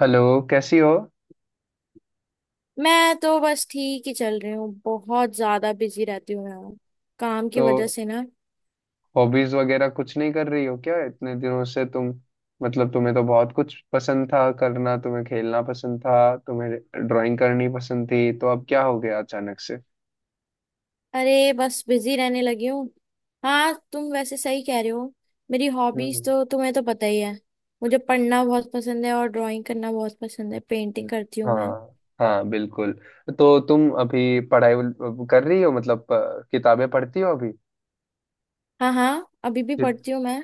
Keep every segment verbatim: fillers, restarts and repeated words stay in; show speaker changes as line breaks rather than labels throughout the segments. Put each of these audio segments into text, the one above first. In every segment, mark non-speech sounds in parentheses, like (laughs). Hello. कैसी हो?
मैं तो बस ठीक ही चल रही हूँ। बहुत ज्यादा बिजी रहती हूँ यार, काम की वजह
तो
से ना।
हॉबीज वगैरह कुछ नहीं कर रही हो क्या इतने दिनों से तुम? मतलब तुम्हें तो बहुत कुछ पसंद था करना, तुम्हें खेलना पसंद था, तुम्हें ड्राइंग करनी पसंद थी, तो अब क्या हो गया अचानक से?
अरे बस बिजी रहने लगी हूँ। हाँ, तुम वैसे सही कह रहे हो। मेरी हॉबीज
हम्म।
तो तुम्हें तो पता ही है। मुझे पढ़ना बहुत पसंद है और ड्राइंग करना बहुत पसंद है, पेंटिंग करती हूँ मैं।
हाँ, हाँ बिल्कुल। तो तुम अभी पढ़ाई वल- कर रही हो, मतलब अ, किताबें पढ़ती हो अभी?
हाँ हाँ, अभी भी पढ़ती हूँ मैं।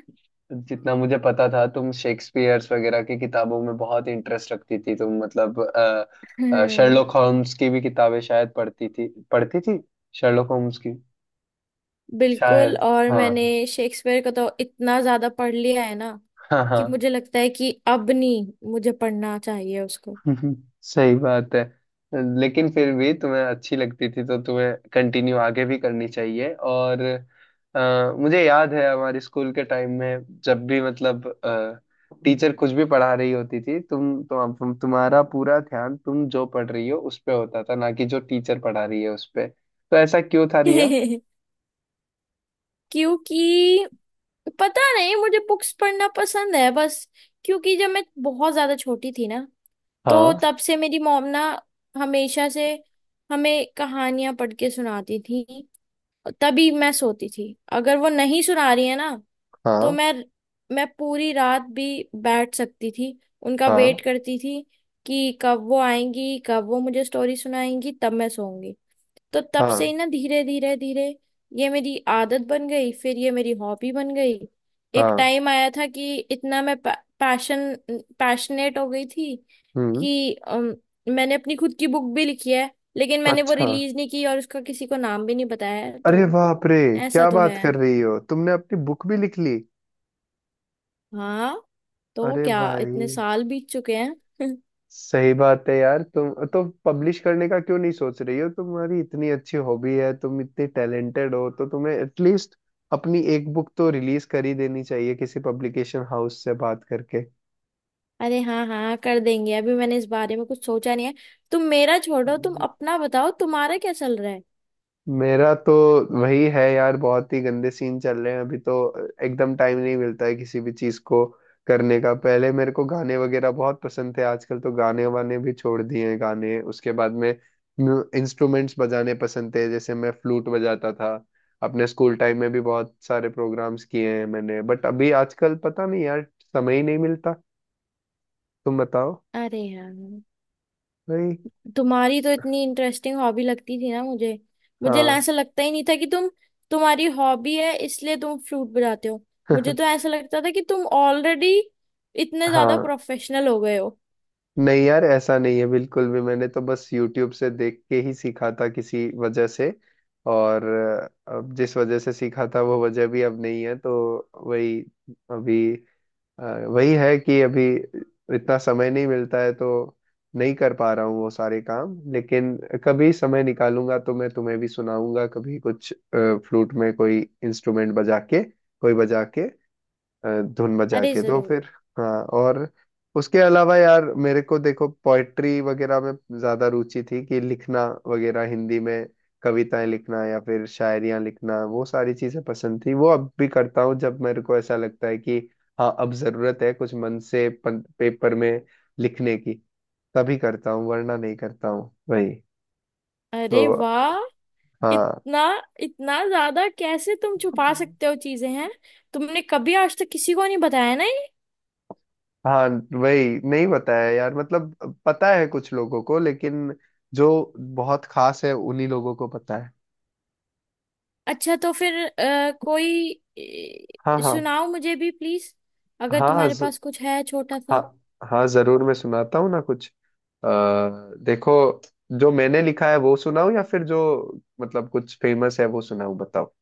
जितना मुझे पता था तुम शेक्सपियर्स वगैरह की किताबों में बहुत इंटरेस्ट रखती थी, तुम मतलब अ,
हम्म,
शर्लॉक होम्स की भी किताबें शायद पढ़ती थी पढ़ती थी, शर्लॉक होम्स की,
बिल्कुल।
शायद।
और
हाँ
मैंने शेक्सपियर का तो इतना ज्यादा पढ़ लिया है ना
हाँ, हाँ
कि मुझे लगता है कि अब नहीं मुझे पढ़ना चाहिए उसको।
हम्म। सही बात है। लेकिन फिर भी तुम्हें अच्छी लगती थी तो तुम्हें कंटिन्यू आगे भी करनी चाहिए। और अ, मुझे याद है हमारे स्कूल के टाइम में जब भी, मतलब टीचर कुछ भी पढ़ा रही होती थी, तुम तुम तुम- तुम्हारा पूरा ध्यान तुम जो पढ़ रही हो उस पे होता था ना कि जो टीचर पढ़ा रही है उस पे। तो ऐसा क्यों था रिया?
(laughs) क्योंकि पता नहीं, मुझे बुक्स पढ़ना पसंद है बस। क्योंकि जब मैं बहुत ज्यादा छोटी थी ना, तो
हाँ,
तब से मेरी मॉम ना हमेशा से हमें कहानियां पढ़ के सुनाती थी। तभी मैं सोती थी, अगर वो नहीं सुना रही है ना तो
हाँ,
मैं मैं पूरी रात भी बैठ सकती थी, उनका
हाँ,
वेट करती थी कि कब वो आएंगी, कब वो मुझे स्टोरी सुनाएंगी, तब मैं सोऊंगी। तो तब से ही
हाँ,
ना धीरे धीरे धीरे ये मेरी आदत बन गई, फिर ये मेरी हॉबी बन गई। एक
हाँ,
टाइम आया था कि इतना मैं पैशन पैशनेट हो गई थी
हम्म।
कि अम, मैंने अपनी खुद की बुक भी लिखी है। लेकिन मैंने वो
अच्छा,
रिलीज नहीं की और उसका किसी को नाम भी नहीं बताया है,
अरे
तो।
बाप रे
ऐसा
क्या
तो
बात
है।
कर रही हो, तुमने अपनी बुक भी लिख ली?
हाँ। तो
अरे
क्या
भाई,
इतने साल बीत चुके हैं। (laughs)
सही बात है यार, तुम तो पब्लिश करने का क्यों नहीं सोच रही हो? तुम्हारी इतनी अच्छी हॉबी है, तुम इतनी टैलेंटेड हो तो तुम्हें एटलीस्ट अपनी एक बुक तो रिलीज कर ही देनी चाहिए किसी पब्लिकेशन हाउस से बात करके।
अरे हाँ हाँ, कर देंगे। अभी मैंने इस बारे में कुछ सोचा नहीं है। तुम मेरा छोड़ो, तुम अपना बताओ, तुम्हारा क्या चल रहा है।
मेरा तो वही है यार, बहुत ही गंदे सीन चल रहे हैं अभी तो। एकदम टाइम नहीं मिलता है किसी भी चीज को करने का। पहले मेरे को गाने वगैरह बहुत पसंद थे, आजकल तो गाने वाने भी छोड़ दिए हैं गाने। उसके बाद में इंस्ट्रूमेंट्स बजाने पसंद थे, जैसे मैं फ्लूट बजाता था अपने स्कूल टाइम में भी, बहुत सारे प्रोग्राम्स किए हैं मैंने। बट अभी आजकल पता नहीं यार, समय ही नहीं मिलता। तुम बताओ
अरे हाँ,
भाई।
तुम्हारी तो इतनी इंटरेस्टिंग हॉबी लगती थी ना मुझे। मुझे
हाँ।
ऐसा लगता ही नहीं था कि तुम तुम्हारी हॉबी है इसलिए तुम फ्लूट बजाते हो। मुझे तो
(laughs)
ऐसा लगता था कि तुम ऑलरेडी इतने ज्यादा
हाँ।
प्रोफेशनल हो गए हो।
नहीं यार ऐसा नहीं है बिल्कुल भी, मैंने तो बस YouTube से देख के ही सीखा था किसी वजह से। और अ, अब जिस वजह से सीखा था वो वजह भी अब नहीं है, तो वही। अभी अ, वही है कि अभी इतना समय नहीं मिलता है, तो नहीं कर पा रहा हूँ वो सारे काम। लेकिन कभी समय निकालूंगा तो मैं तुम्हें भी सुनाऊंगा कभी कुछ फ्लूट में कोई इंस्ट्रूमेंट बजा के, कोई बजा के अ, धुन बजा
अरे
के, तो
जरूर।
फिर। हाँ। और उसके अलावा यार मेरे को देखो, पोइट्री वगैरह में ज्यादा रुचि थी, कि लिखना वगैरह हिंदी में, कविताएं लिखना या फिर शायरियां लिखना, वो सारी चीजें पसंद थी। वो अब भी करता हूँ जब मेरे को ऐसा लगता है कि हाँ अब जरूरत है कुछ मन से पन, पेपर में लिखने की, तभी करता हूँ वरना नहीं करता हूँ। वही तो।
अरे वाह, इतना इतना ज्यादा कैसे तुम छुपा
हाँ,
सकते हो चीजें हैं। तुमने कभी आज तक किसी को नहीं बताया ना ये?
हाँ वही। नहीं बताया यार, मतलब पता है कुछ लोगों को, लेकिन जो बहुत खास है उन्हीं लोगों को पता है।
अच्छा, तो फिर अ, कोई
हाँ,
अ,
हाँ,
सुनाओ मुझे भी प्लीज, अगर
हाँ, हाँ,
तुम्हारे
ज,
पास कुछ है छोटा
हाँ,
सा।
हाँ जरूर मैं सुनाता हूँ ना कुछ। आ, देखो, जो मैंने लिखा है वो सुनाऊँ या फिर जो, मतलब कुछ फेमस है वो सुनाऊँ, बताओ?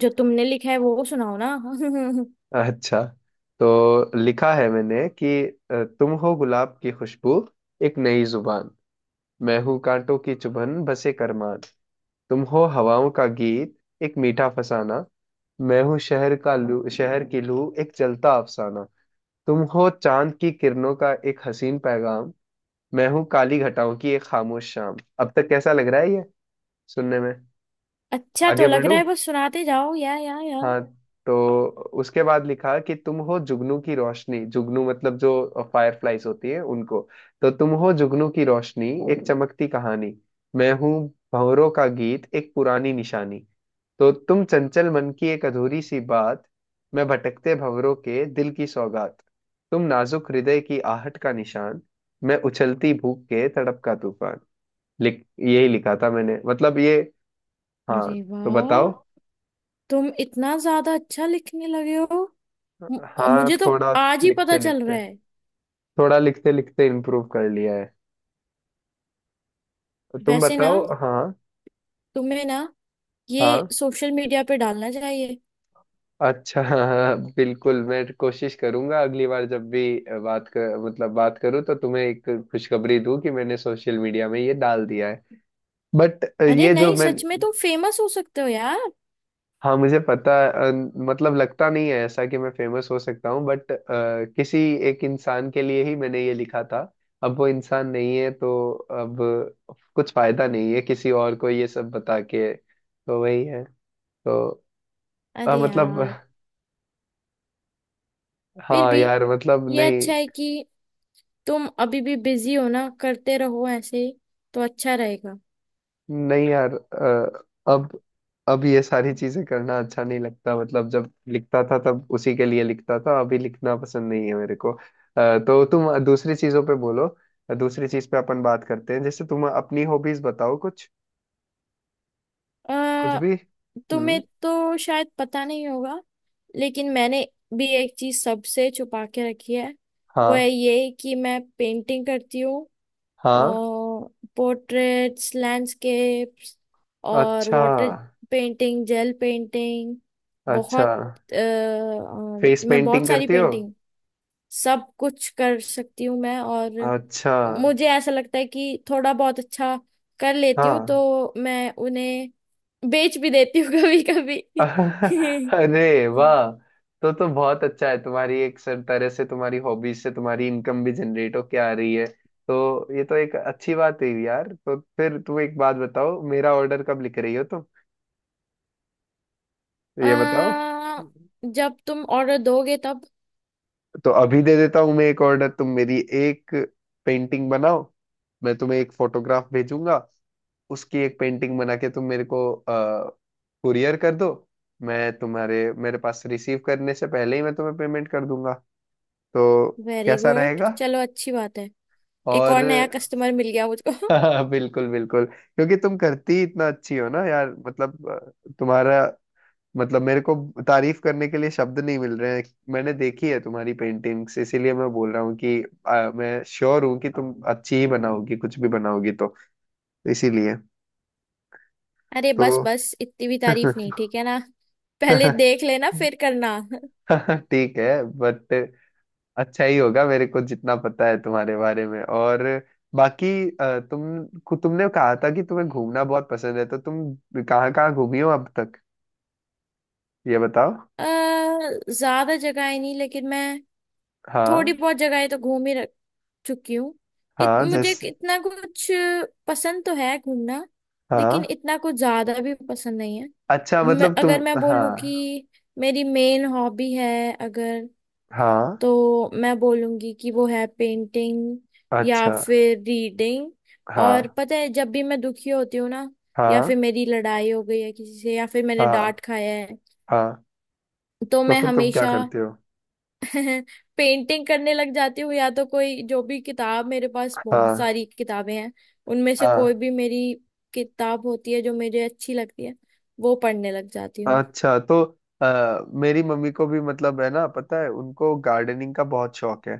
जो तुमने लिखा है वो सुनाओ ना। (laughs)
अच्छा, तो लिखा है मैंने कि अ, तुम हो गुलाब की खुशबू, एक नई जुबान, मैं हूँ कांटों की चुभन बसे करमान। तुम हो हवाओं का गीत, एक मीठा फसाना, मैं हूँ शहर का लू शहर की लू, एक जलता अफसाना। तुम हो चांद की किरणों का एक हसीन पैगाम, मैं हूँ काली घटाओं की एक खामोश शाम। अब तक कैसा लग रहा है ये सुनने में?
अच्छा तो
आगे
लग
बढ़ू?
रहा है, बस सुनाते जाओ या या या।
हाँ। तो उसके बाद लिखा कि तुम हो जुगनू की रोशनी, जुगनू मतलब जो फायरफ्लाइज होती है उनको, तो तुम हो जुगनू की रोशनी एक चमकती कहानी, मैं हूँ भंवरों का गीत एक पुरानी निशानी, तो तुम चंचल मन की एक अधूरी सी बात, मैं भटकते भंवरों के दिल की सौगात, तुम नाजुक हृदय की आहट का निशान, मैं उछलती भूख के तड़प का तूफान। लिख यही लिखा था मैंने मतलब ये। हाँ।
अरे
तो
वाह,
बताओ।
तुम इतना ज्यादा अच्छा लिखने लगे हो। म-
हाँ
मुझे तो
थोड़ा,
आज ही पता
लिखते
चल
लिखते
रहा है।
थोड़ा लिखते लिखते इम्प्रूव कर लिया है। तो तुम
वैसे ना,
बताओ। हाँ,
तुम्हें ना ये
हाँ।
सोशल मीडिया पे डालना चाहिए।
अच्छा। (laughs) हाँ, बिल्कुल मैं कोशिश करूंगा अगली बार जब भी बात कर मतलब बात करूं, तो तुम्हें एक खुशखबरी दूं कि मैंने सोशल मीडिया में ये डाल दिया है। बट
अरे
ये जो
नहीं,
मैं,
सच में तुम फेमस हो सकते हो यार।
हाँ मुझे पता अ, मतलब लगता नहीं है ऐसा कि मैं फेमस हो सकता हूँ, बट किसी एक इंसान के लिए ही मैंने ये लिखा था। अब वो इंसान नहीं है तो अब कुछ फायदा नहीं है किसी और को ये सब बता के, तो वही है। तो अ,
अरे
मतलब
यार, फिर
हाँ
भी
यार मतलब
ये
नहीं।
अच्छा है कि तुम अभी भी बिजी हो ना, करते रहो ऐसे ही, तो अच्छा रहेगा।
नहीं यार अ, अब अब ये सारी चीजें करना अच्छा नहीं लगता, मतलब जब लिखता था तब उसी के लिए लिखता था, अभी लिखना पसंद नहीं है मेरे को। अ, तो तुम दूसरी चीजों पे बोलो। दूसरी चीज पे अपन बात करते हैं, जैसे तुम अपनी हॉबीज बताओ कुछ,
अ
कुछ भी। हम्म।
तुम्हें तो शायद पता नहीं होगा, लेकिन मैंने भी एक चीज सबसे छुपा के रखी है। वो है
हाँ।
ये कि मैं पेंटिंग करती हूँ,
हाँ।
और पोर्ट्रेट्स, लैंडस्केप्स और
अच्छा।
वाटर पेंटिंग, जेल पेंटिंग,
अच्छा।
बहुत अ,
फेस
अ, मैं बहुत
पेंटिंग
सारी
करती हो?
पेंटिंग, सब कुछ कर सकती हूँ मैं। और
अच्छा।
मुझे ऐसा लगता है कि थोड़ा बहुत अच्छा कर लेती हूँ
हाँ।
तो मैं उन्हें बेच भी देती हूँ कभी
(laughs)
कभी।
अरे
(laughs)
वाह। तो तो बहुत अच्छा है, तुम्हारी एक सर तरह से तुम्हारी हॉबीज से तुम्हारी इनकम भी जनरेट होके आ रही है, तो ये तो एक अच्छी बात है यार। तो फिर तुम एक बात बताओ, मेरा ऑर्डर कब लिख रही हो तुम? ये बताओ।
आ, जब तुम ऑर्डर दोगे तब।
तो अभी दे देता हूँ मैं एक ऑर्डर, तुम मेरी एक पेंटिंग बनाओ, मैं तुम्हें एक फोटोग्राफ भेजूंगा, उसकी एक पेंटिंग बना के तुम मेरे को कुरियर कर दो। मैं तुम्हारे मेरे पास रिसीव करने से पहले ही मैं तुम्हें पेमेंट कर दूंगा, तो
वेरी
कैसा
गुड,
रहेगा?
चलो अच्छी बात है। एक
और
और नया कस्टमर मिल गया मुझको।
(laughs) हाँ, बिल्कुल बिल्कुल, क्योंकि तुम करती इतना अच्छी हो ना यार, मतलब अ, तुम्हारा मतलब मेरे को तारीफ करने के लिए शब्द नहीं मिल रहे हैं। मैंने देखी है तुम्हारी पेंटिंग्स, इसीलिए मैं बोल रहा हूँ कि अ, मैं श्योर हूँ कि तुम अच्छी ही बनाओगी, कुछ भी बनाओगी तो इसीलिए।
(laughs) अरे
तो
बस बस, इतनी भी तारीफ नहीं, ठीक है ना। पहले देख लेना फिर करना। (laughs)
(laughs) ठीक है बट अच्छा ही होगा, मेरे को जितना पता है तुम्हारे बारे में। और बाकी अ, तुम खु- तुमने कहा था कि तुम्हें घूमना बहुत पसंद है, तो तुम कहाँ कहाँ घूमी हो अब तक? ये बताओ।
आ, ज्यादा जगह नहीं, लेकिन मैं थोड़ी
हाँ,
बहुत जगह तो घूम ही रख चुकी हूँ। इत,
हाँ
मुझे
जैसे।
इतना कुछ पसंद तो है घूमना, लेकिन
हाँ।
इतना कुछ ज्यादा भी पसंद नहीं है।
अच्छा
मैं,
मतलब
अगर
तुम,
मैं बोलूँ
हाँ,
कि मेरी मेन हॉबी है अगर,
हाँ।
तो मैं बोलूंगी कि वो है पेंटिंग, या
अच्छा।
फिर रीडिंग। और
हाँ,
पता है, जब भी मैं दुखी होती हूँ ना या फिर
हाँ,
मेरी लड़ाई हो गई है किसी से या फिर मैंने
हाँ,
डांट खाया है,
हाँ।
तो
तो
मैं
फिर तुम क्या
हमेशा
करते हो?
(laughs) पेंटिंग करने लग जाती हूँ। या तो कोई जो भी किताब, मेरे पास बहुत
हाँ,
सारी किताबें हैं, उनमें से कोई
हाँ।
भी मेरी किताब होती है जो मुझे अच्छी लगती है वो पढ़ने लग जाती।
अच्छा। तो आ, मेरी मम्मी को भी, मतलब है ना, पता है उनको गार्डनिंग का बहुत शौक है।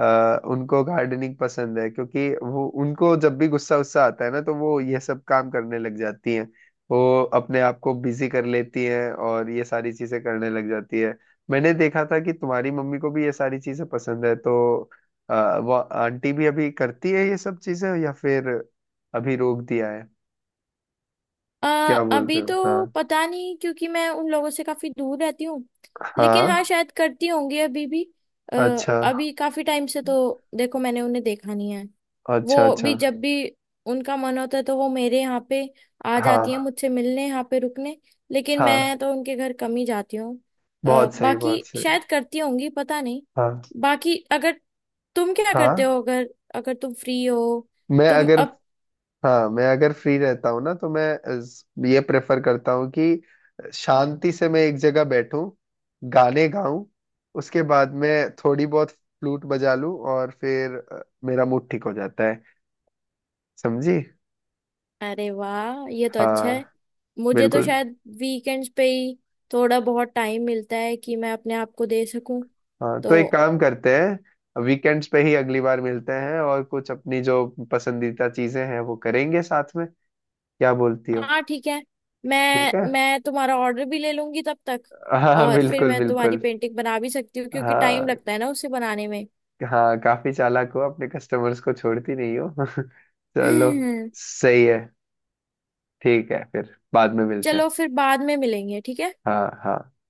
आ, उनको गार्डनिंग पसंद है क्योंकि वो, उनको जब भी गुस्सा उस्सा आता है ना, तो वो ये सब काम करने लग जाती हैं, वो अपने आप को बिजी कर लेती हैं और ये सारी चीजें करने लग जाती है। मैंने देखा था कि तुम्हारी मम्मी को भी ये सारी चीजें पसंद है, तो आ, वो आंटी भी अभी करती है ये सब चीजें या फिर अभी रोक दिया है?
आ,
क्या बोलते
अभी
हो। हाँ।
तो पता नहीं, क्योंकि मैं उन लोगों से काफी दूर रहती हूँ। लेकिन हाँ,
हाँ।
शायद करती होंगी अभी भी। आ,
अच्छा
अभी काफी टाइम से तो देखो मैंने उन्हें देखा नहीं है।
अच्छा।
वो
अच्छा।
भी जब भी उनका मन होता है तो वो मेरे यहाँ पे आ जाती हैं
हाँ,
मुझसे मिलने, यहाँ पे रुकने। लेकिन
हाँ।
मैं तो उनके घर कम ही जाती हूँ। अ,
बहुत सही
बाकी
बहुत सही।
शायद करती होंगी, पता नहीं।
हाँ,
बाकी अगर तुम क्या करते
हाँ।
हो अगर अगर तुम फ्री हो,
मैं
तुम
अगर,
अब।
हाँ मैं अगर फ्री रहता हूँ ना, तो मैं इस- ये प्रेफर करता हूँ कि शांति से मैं एक जगह बैठूं, गाने गाऊं, उसके बाद मैं थोड़ी बहुत फ्लूट बजा लूं और फिर अ, मेरा मूड ठीक हो जाता है। समझी?
अरे वाह, ये तो अच्छा है।
हाँ
मुझे तो
बिल्कुल।
शायद वीकेंड्स पे ही थोड़ा बहुत टाइम मिलता है कि मैं अपने आप को दे सकूं
हाँ तो
तो।
एक काम करते हैं, वीकेंड्स पे ही अगली बार मिलते हैं और कुछ अपनी जो पसंदीदा चीजें हैं वो करेंगे साथ में। क्या बोलती हो?
हाँ ठीक है, मैं
ठीक है।
मैं तुम्हारा ऑर्डर भी ले लूंगी तब तक।
हाँ
और फिर
बिल्कुल
मैं तुम्हारी
बिल्कुल।
पेंटिंग बना भी सकती हूँ क्योंकि टाइम
हाँ
लगता है ना उसे बनाने में।
हाँ काफी चालाक हो, अपने कस्टमर्स को छोड़ती नहीं हो। (laughs) चलो,
(laughs)
सही है। ठीक है, फिर बाद में मिलते हैं।
चलो फिर बाद में मिलेंगे, ठीक है।
हाँ हाँ।